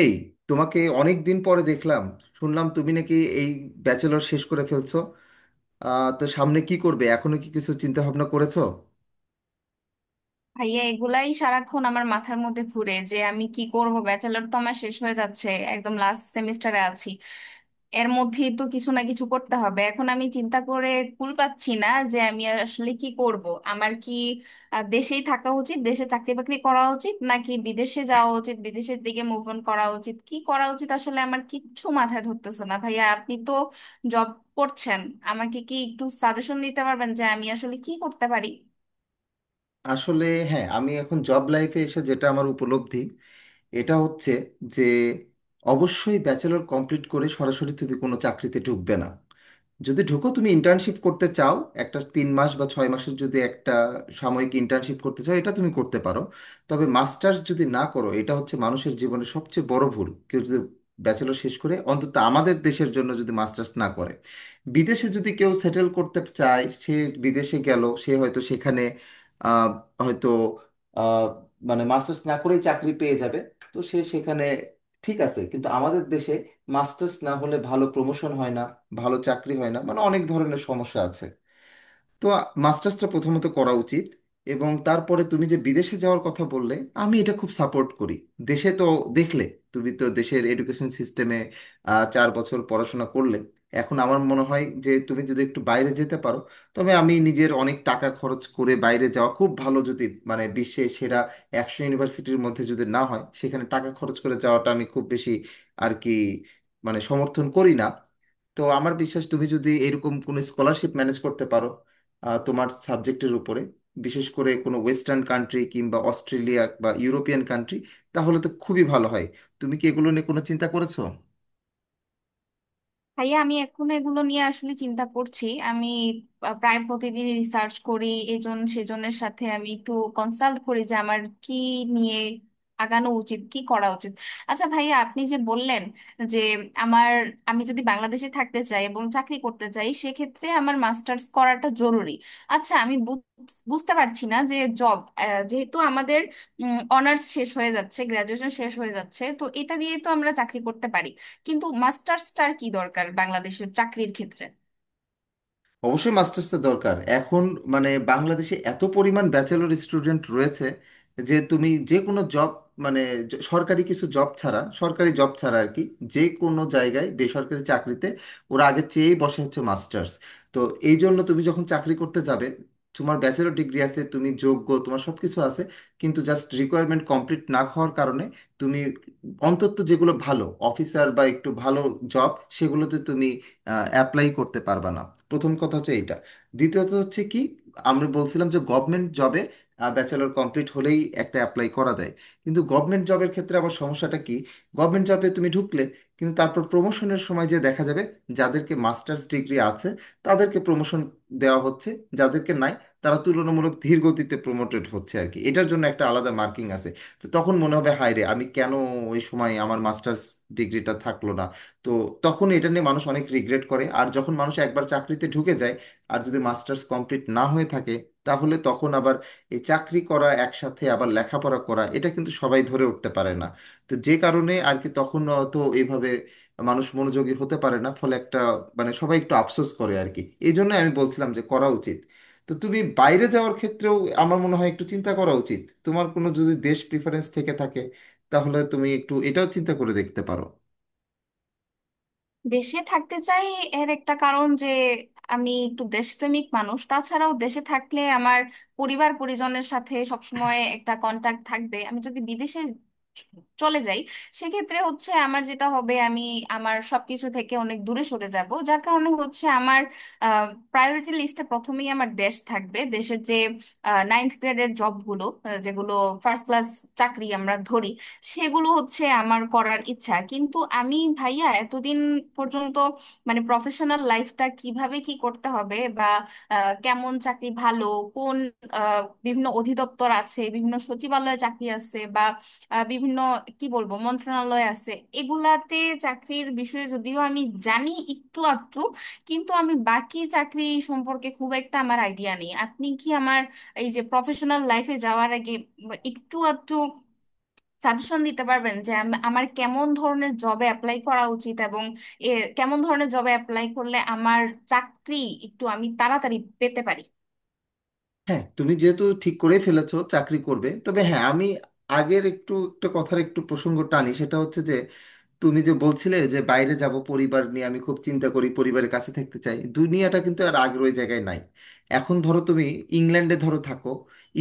এই, তোমাকে অনেক দিন পরে দেখলাম। শুনলাম তুমি নাকি এই ব্যাচেলর শেষ করে ফেলছো। তো সামনে কি করবে? এখনো কি কিছু চিন্তা ভাবনা করেছো? ভাইয়া, এগুলাই সারাক্ষণ আমার মাথার মধ্যে ঘুরে যে আমি কি করব। ব্যাচেলর তো আমার শেষ হয়ে যাচ্ছে, একদম লাস্ট সেমিস্টারে আছি। এর মধ্যেই তো কিছু না কিছু করতে হবে। এখন আমি চিন্তা করে কুল পাচ্ছি না যে আমি আর আসলে কি করব। আমার কি দেশেই থাকা উচিত, দেশে চাকরি বাকরি করা উচিত নাকি বিদেশে যাওয়া উচিত, বিদেশের দিকে মুভ অন করা উচিত, কি করা উচিত আসলে আমার কিচ্ছু মাথায় ধরতেছে না। ভাইয়া, আপনি তো জব করছেন, আমাকে কি একটু সাজেশন দিতে পারবেন যে আমি আসলে কি করতে পারি? আসলে হ্যাঁ, আমি এখন জব লাইফে এসে যেটা আমার উপলব্ধি এটা হচ্ছে যে অবশ্যই ব্যাচেলর কমপ্লিট করে সরাসরি তুমি কোনো চাকরিতে ঢুকবে না। যদি ঢুকো, তুমি ইন্টার্নশিপ করতে চাও, একটা 3 মাস বা 6 মাসের যদি একটা সাময়িক ইন্টার্নশিপ করতে চাও, এটা তুমি করতে পারো। তবে মাস্টার্স যদি না করো, এটা হচ্ছে মানুষের জীবনে সবচেয়ে বড় ভুল। কেউ যদি ব্যাচেলর শেষ করে, অন্তত আমাদের দেশের জন্য যদি মাস্টার্স না করে, বিদেশে যদি কেউ সেটেল করতে চায়, সে বিদেশে গেল, সে হয়তো সেখানে আহ, হয়তো আহ, মানে মাস্টার্স না করেই চাকরি পেয়ে যাবে। তো সে সেখানে ঠিক আছে, কিন্তু আমাদের দেশে মাস্টার্স না হলে ভালো প্রমোশন হয় না, ভালো চাকরি হয় না, মানে অনেক ধরনের সমস্যা আছে। তো মাস্টার্সটা প্রথমত করা উচিত, এবং তারপরে তুমি যে বিদেশে যাওয়ার কথা বললে, আমি এটা খুব সাপোর্ট করি। দেশে তো দেখলে, তুমি তো দেশের এডুকেশন সিস্টেমে 4 বছর পড়াশোনা করলে। এখন আমার মনে হয় যে তুমি যদি একটু বাইরে যেতে পারো, তবে আমি নিজের অনেক টাকা খরচ করে বাইরে যাওয়া খুব ভালো, যদি মানে বিশ্বের সেরা 100 ইউনিভার্সিটির মধ্যে যদি না হয়, সেখানে টাকা খরচ করে যাওয়াটা আমি খুব বেশি আর কি মানে সমর্থন করি না। তো আমার বিশ্বাস তুমি যদি এরকম কোনো স্কলারশিপ ম্যানেজ করতে পারো, তোমার সাবজেক্টের উপরে, বিশেষ করে কোনো ওয়েস্টার্ন কান্ট্রি কিংবা অস্ট্রেলিয়া বা ইউরোপিয়ান কান্ট্রি, তাহলে তো খুবই ভালো হয়। তুমি কি এগুলো নিয়ে কোনো চিন্তা করেছো? ভাইয়া, আমি এখন এগুলো নিয়ে আসলে চিন্তা করছি, আমি প্রায় প্রতিদিন রিসার্চ করি। এজন সেজনের সাথে আমি একটু কনসাল্ট করি যে আমার কি নিয়ে আগানো উচিত, কি করা উচিত। আচ্ছা ভাইয়া, আপনি যে বললেন যে আমার আমি যদি বাংলাদেশে থাকতে চাই এবং চাকরি করতে চাই সেক্ষেত্রে আমার মাস্টার্স করাটা জরুরি। আচ্ছা, আমি বুঝতে পারছি না যে জব, যেহেতু আমাদের অনার্স শেষ হয়ে যাচ্ছে, গ্রাজুয়েশন শেষ হয়ে যাচ্ছে, তো এটা দিয়ে তো আমরা চাকরি করতে পারি, কিন্তু মাস্টার্সটার কি দরকার বাংলাদেশের চাকরির ক্ষেত্রে? অবশ্যই মাস্টার্সের দরকার এখন। মানে বাংলাদেশে এত পরিমাণ ব্যাচেলর স্টুডেন্ট রয়েছে যে তুমি যে কোনো জব, মানে সরকারি কিছু জব ছাড়া, সরকারি জব ছাড়া আর কি, যে কোনো জায়গায় বেসরকারি চাকরিতে ওরা আগে চেয়েই বসে হচ্ছে মাস্টার্স। তো এই জন্য তুমি যখন চাকরি করতে যাবে, তোমার ব্যাচেলর ডিগ্রি আছে, তুমি যোগ্য, তোমার সব কিছু আছে, কিন্তু জাস্ট রিকোয়ারমেন্ট কমপ্লিট না হওয়ার কারণে তুমি অন্তত যেগুলো ভালো অফিসার বা একটু ভালো জব, সেগুলোতে তুমি অ্যাপ্লাই করতে পারবা না। প্রথম কথা হচ্ছে এইটা। দ্বিতীয়ত হচ্ছে কি, আমরা বলছিলাম যে গভর্নমেন্ট জবে ব্যাচেলর কমপ্লিট হলেই একটা অ্যাপ্লাই করা যায়, কিন্তু গভর্নমেন্ট জবের ক্ষেত্রে আবার সমস্যাটা কি, গভর্নমেন্ট জবে তুমি ঢুকলে, কিন্তু তারপর প্রমোশনের সময় যে দেখা যাবে যাদেরকে মাস্টার্স ডিগ্রি আছে তাদেরকে প্রমোশন দেওয়া হচ্ছে, যাদেরকে নাই তারা তুলনামূলক ধীর গতিতে প্রমোটেড হচ্ছে আর কি, এটার জন্য একটা আলাদা মার্কিং আছে। তো তখন মনে হবে হায় রে আমি কেন ওই সময় আমার মাস্টার্স ডিগ্রিটা থাকলো না। তো তখন এটা নিয়ে মানুষ অনেক রিগ্রেট করে, আর যখন মানুষ একবার চাকরিতে ঢুকে যায় আর যদি মাস্টার্স কমপ্লিট না হয়ে থাকে, তাহলে তখন আবার এই চাকরি করা একসাথে আবার লেখাপড়া করা, এটা কিন্তু সবাই ধরে উঠতে পারে না। তো যে কারণে আর কি তখন, তো এইভাবে মানুষ মনোযোগী হতে পারে না, ফলে একটা মানে সবাই একটু আফসোস করে আর কি। এই জন্য আমি বলছিলাম যে করা উচিত। তো তুমি বাইরে যাওয়ার ক্ষেত্রেও আমার মনে হয় একটু চিন্তা করা উচিত। তোমার কোনো যদি দেশ প্রিফারেন্স থেকে থাকে, তাহলে তুমি একটু এটাও চিন্তা করে দেখতে পারো। দেশে থাকতে চাই এর একটা কারণ যে আমি একটু দেশপ্রেমিক মানুষ। তাছাড়াও দেশে থাকলে আমার পরিবার পরিজনের সাথে সবসময় একটা কন্টাক্ট থাকবে। আমি যদি বিদেশে চ- চলে যাই, সেক্ষেত্রে হচ্ছে আমার যেটা হবে, আমি আমার সবকিছু থেকে অনেক দূরে সরে যাব। যার কারণে হচ্ছে আমার প্রায়োরিটি লিস্টে প্রথমেই আমার দেশ থাকবে। দেশের যে নাইনথ গ্রেডের জবগুলো, যেগুলো ফার্স্ট ক্লাস চাকরি আমরা ধরি, সেগুলো হচ্ছে আমার করার ইচ্ছা। কিন্তু আমি ভাইয়া এতদিন পর্যন্ত মানে প্রফেশনাল লাইফটা কিভাবে কি করতে হবে বা কেমন চাকরি ভালো, কোন বিভিন্ন অধিদপ্তর আছে, বিভিন্ন সচিবালয়ে চাকরি আছে বা বিভিন্ন কি বলবো মন্ত্রণালয় আছে, এগুলাতে চাকরির বিষয়ে যদিও আমি জানি একটু আধটু, কিন্তু আমি বাকি চাকরি সম্পর্কে খুব একটা আমার আইডিয়া নেই। আপনি কি আমার এই যে প্রফেশনাল লাইফে যাওয়ার আগে বা একটু আধটু সাজেশন দিতে পারবেন যে আমার কেমন ধরনের জবে অ্যাপ্লাই করা উচিত এবং এ, কেমন ধরনের জবে অ্যাপ্লাই করলে আমার চাকরি একটু আমি তাড়াতাড়ি পেতে পারি? হ্যাঁ, তুমি যেহেতু ঠিক করেই ফেলেছো চাকরি করবে, তবে হ্যাঁ, আমি আগের একটু একটা কথার একটু প্রসঙ্গ টানি। সেটা হচ্ছে যে তুমি যে বলছিলে যে বাইরে যাব, পরিবার নিয়ে আমি খুব চিন্তা করি, পরিবারের কাছে থাকতে চাই, দুনিয়াটা কিন্তু আর আগের ওই জায়গায় নাই। এখন ধরো তুমি ইংল্যান্ডে ধরো থাকো।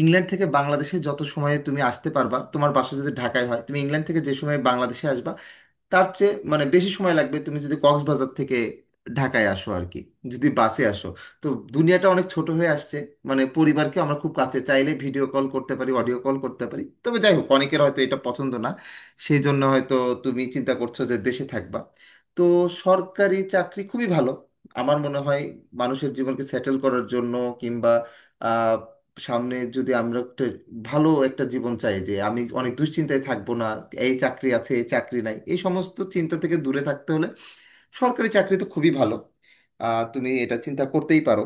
ইংল্যান্ড থেকে বাংলাদেশে যত সময়ে তুমি আসতে পারবা, তোমার বাসা যদি ঢাকায় হয়, তুমি ইংল্যান্ড থেকে যে সময়ে বাংলাদেশে আসবা, তার চেয়ে মানে বেশি সময় লাগবে তুমি যদি কক্সবাজার থেকে ঢাকায় আসো আর কি, যদি বাসে আসো। তো দুনিয়াটা অনেক ছোট হয়ে আসছে। মানে পরিবারকে আমরা খুব কাছে চাইলে ভিডিও কল করতে পারি, অডিও কল করতে পারি, তবে যাই হোক অনেকের হয়তো এটা পছন্দ না, সেই জন্য হয়তো তুমি চিন্তা করছো যে দেশে থাকবা। তো সরকারি চাকরি খুবই ভালো আমার মনে হয় মানুষের জীবনকে সেটেল করার জন্য, কিংবা সামনে যদি আমরা একটা ভালো একটা জীবন চাই যে আমি অনেক দুশ্চিন্তায় থাকবো না, এই চাকরি আছে এই চাকরি নাই এই সমস্ত চিন্তা থেকে দূরে থাকতে হলে সরকারি চাকরি তো খুবই ভালো। তুমি এটা চিন্তা করতেই পারো,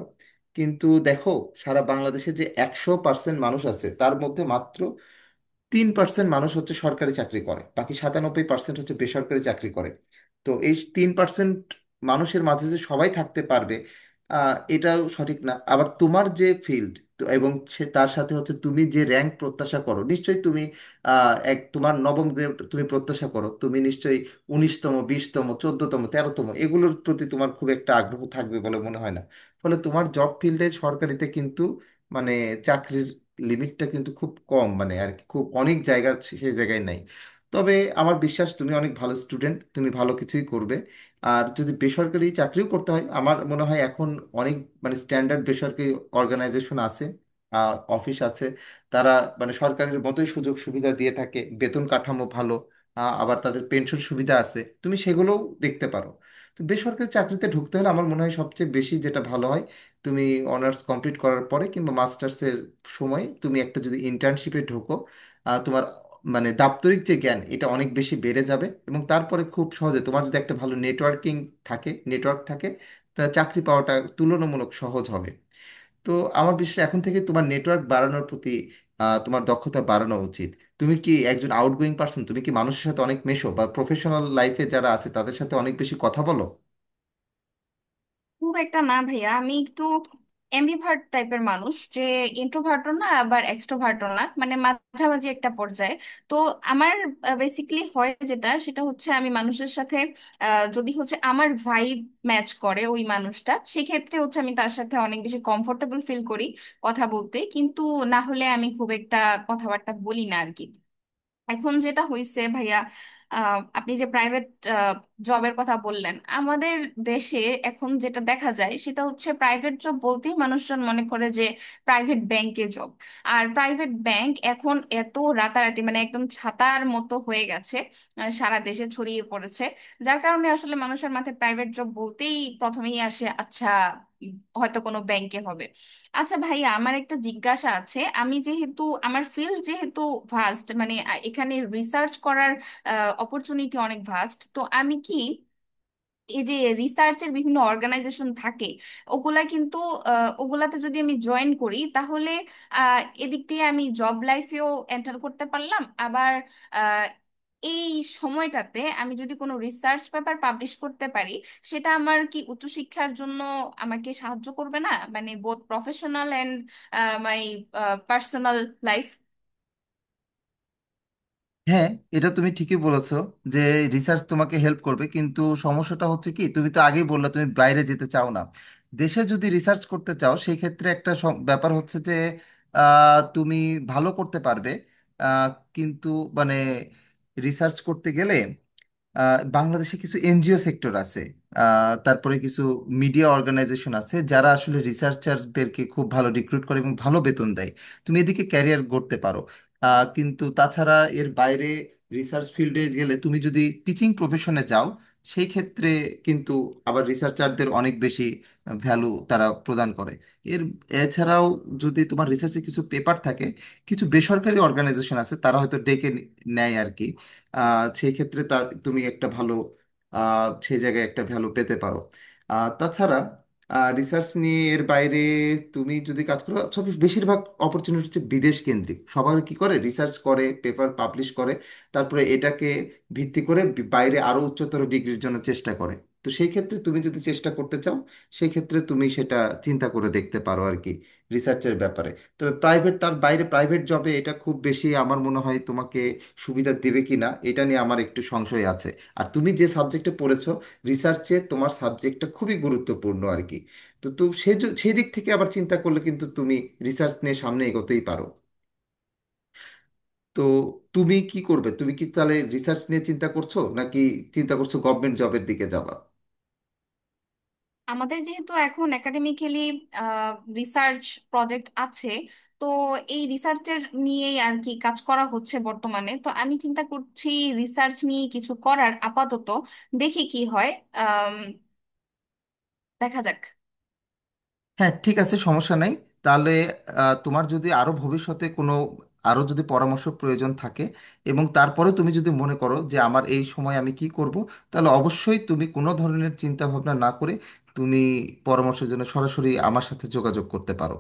কিন্তু দেখো সারা বাংলাদেশে যে 100% মানুষ আছে, তার মধ্যে মাত্র 3% মানুষ হচ্ছে সরকারি চাকরি করে, বাকি 97% হচ্ছে বেসরকারি চাকরি করে। তো এই 3% মানুষের মাঝে যে সবাই থাকতে পারবে, এটাও সঠিক না। আবার তোমার যে ফিল্ড এবং সে তার সাথে হচ্ছে তুমি যে র্যাঙ্ক প্রত্যাশা করো, নিশ্চয়ই তুমি এক তোমার নবম গ্রেড তুমি প্রত্যাশা করো, তুমি নিশ্চয়ই 19তম, 20তম, 14তম, 13তম এগুলোর প্রতি তোমার খুব একটা আগ্রহ থাকবে বলে মনে হয় না। ফলে তোমার জব ফিল্ডে সরকারিতে কিন্তু মানে চাকরির লিমিটটা কিন্তু খুব কম, মানে আর কি খুব অনেক জায়গা সেই জায়গায় নাই। তবে আমার বিশ্বাস তুমি অনেক ভালো স্টুডেন্ট, তুমি ভালো কিছুই করবে। আর যদি বেসরকারি চাকরিও করতে হয়, আমার মনে হয় এখন অনেক মানে স্ট্যান্ডার্ড বেসরকারি অর্গানাইজেশন আছে, অফিস আছে, তারা মানে সরকারের মতোই সুযোগ সুবিধা দিয়ে থাকে, বেতন কাঠামো ভালো। আবার তাদের পেনশন সুবিধা আছে, তুমি সেগুলোও দেখতে পারো। তো বেসরকারি চাকরিতে ঢুকতে হলে আমার মনে হয় সবচেয়ে বেশি যেটা ভালো হয় তুমি অনার্স কমপ্লিট করার পরে কিংবা মাস্টার্সের সময় তুমি একটা যদি ইন্টার্নশিপে ঢোকো, তোমার মানে দাপ্তরিক যে জ্ঞান এটা অনেক বেশি বেড়ে যাবে, এবং তারপরে খুব সহজে তোমার যদি একটা ভালো নেটওয়ার্কিং থাকে, নেটওয়ার্ক থাকে, তা চাকরি পাওয়াটা তুলনামূলক সহজ হবে। তো আমার বিশ্বাস এখন থেকে তোমার নেটওয়ার্ক বাড়ানোর প্রতি তোমার দক্ষতা বাড়ানো উচিত। তুমি কি একজন আউটগোয়িং পার্সন? তুমি কি মানুষের সাথে অনেক মেশো বা প্রফেশনাল লাইফে যারা আছে তাদের সাথে অনেক বেশি কথা বলো? খুব একটা না ভাইয়া, আমি একটু এমবিভার্ট টাইপের মানুষ, যে ইন্ট্রোভার্টও না আবার এক্সট্রোভার্টও না, মানে মাঝামাঝি একটা পর্যায়ে। তো আমার বেসিকলি হয় যেটা, সেটা হচ্ছে আমি মানুষের সাথে যদি হচ্ছে আমার ভাইব ম্যাচ করে ওই মানুষটা, সেক্ষেত্রে হচ্ছে আমি তার সাথে অনেক বেশি কমফোর্টেবল ফিল করি কথা বলতে। কিন্তু না হলে আমি খুব একটা কথাবার্তা বলি না আর কি। এখন যেটা হইছে ভাইয়া, আপনি যে প্রাইভেট জবের কথা বললেন, আমাদের দেশে এখন যেটা দেখা যায় সেটা হচ্ছে প্রাইভেট জব বলতেই মানুষজন মনে করে যে প্রাইভেট ব্যাংকে জব। আর প্রাইভেট ব্যাংক এখন এত রাতারাতি মানে একদম ছাতার মতো হয়ে গেছে, সারা দেশে ছড়িয়ে পড়েছে। যার কারণে আসলে মানুষের মাথায় প্রাইভেট জব বলতেই প্রথমেই আসে, আচ্ছা, উম, হয়তো কোনো ব্যাংকে হবে। আচ্ছা ভাইয়া, আমার একটা জিজ্ঞাসা আছে। আমি যেহেতু, আমার ফিল্ড যেহেতু ভাস্ট, মানে এখানে রিসার্চ করার অপরচুনিটি অনেক ভাস্ট, তো আমি কি এই যে রিসার্চের বিভিন্ন অর্গানাইজেশন থাকে ওগুলা কিন্তু ওগুলাতে যদি আমি জয়েন করি, তাহলে এদিক দিয়ে আমি জব লাইফেও এন্টার করতে পারলাম, আবার আহ, এই সময়টাতে আমি যদি কোনো রিসার্চ পেপার পাবলিশ করতে পারি সেটা আমার কি উচ্চশিক্ষার জন্য আমাকে সাহায্য করবে না? মানে both professional and my personal life. হ্যাঁ, এটা তুমি ঠিকই বলেছো যে রিসার্চ তোমাকে হেল্প করবে, কিন্তু সমস্যাটা হচ্ছে কি তুমি তো আগেই বললে তুমি বাইরে যেতে চাও না। দেশে যদি রিসার্চ করতে চাও, সেই ক্ষেত্রে একটা ব্যাপার হচ্ছে যে তুমি ভালো করতে পারবে। আহ, কিন্তু মানে রিসার্চ করতে গেলে বাংলাদেশে কিছু এনজিও সেক্টর আছে, তারপরে কিছু মিডিয়া অর্গানাইজেশন আছে যারা আসলে রিসার্চারদেরকে খুব ভালো রিক্রুট করে এবং ভালো বেতন দেয়। তুমি এদিকে ক্যারিয়ার গড়তে পারো। কিন্তু তাছাড়া এর বাইরে রিসার্চ ফিল্ডে গেলে তুমি যদি টিচিং প্রফেশনে যাও সেই ক্ষেত্রে কিন্তু আবার রিসার্চারদের অনেক বেশি ভ্যালু তারা প্রদান করে। এর এছাড়াও যদি তোমার রিসার্চে কিছু পেপার থাকে, কিছু বেসরকারি অর্গানাইজেশন আছে তারা হয়তো ডেকে নেয় আর কি। সেই ক্ষেত্রে তার তুমি একটা ভালো সেই জায়গায় একটা ভ্যালু পেতে পারো। তাছাড়া রিসার্চ নিয়ে এর বাইরে তুমি যদি কাজ করো, সব বেশিরভাগ অপরচুনিটি হচ্ছে বিদেশ কেন্দ্রিক। সবার কি করে রিসার্চ করে পেপার পাবলিশ করে তারপরে এটাকে ভিত্তি করে বাইরে আরো উচ্চতর ডিগ্রির জন্য চেষ্টা করে। তো সেই ক্ষেত্রে তুমি যদি চেষ্টা করতে চাও, সেই ক্ষেত্রে তুমি সেটা চিন্তা করে দেখতে পারো আর কি রিসার্চের ব্যাপারে। তো প্রাইভেট, তার বাইরে প্রাইভেট জবে এটা খুব বেশি আমার মনে হয় তোমাকে সুবিধা দেবে কি না এটা নিয়ে আমার একটু সংশয় আছে। আর তুমি যে সাবজেক্টে পড়েছো, রিসার্চে তোমার সাবজেক্টটা খুবই গুরুত্বপূর্ণ আর কি। তো তো সে সেই দিক থেকে আবার চিন্তা করলে কিন্তু তুমি রিসার্চ নিয়ে সামনে এগোতেই পারো। তো তুমি কি করবে? তুমি কি তাহলে রিসার্চ নিয়ে চিন্তা করছো, নাকি চিন্তা করছো গভর্নমেন্ট জবের দিকে যাবা? আমাদের যেহেতু এখন একাডেমিক্যালি রিসার্চ প্রজেক্ট আছে, তো এই রিসার্চের নিয়েই আর কি কাজ করা হচ্ছে বর্তমানে। তো আমি চিন্তা করছি রিসার্চ নিয়ে কিছু করার। আপাতত দেখি কি হয়, আম, দেখা যাক। হ্যাঁ, ঠিক আছে, সমস্যা নাই। তাহলে তোমার যদি আরো ভবিষ্যতে কোনো আরো যদি পরামর্শ প্রয়োজন থাকে, এবং তারপরে তুমি যদি মনে করো যে আমার এই সময় আমি কি করব, তাহলে অবশ্যই তুমি কোনো ধরনের চিন্তা ভাবনা না করে তুমি পরামর্শের জন্য সরাসরি আমার সাথে যোগাযোগ করতে পারো।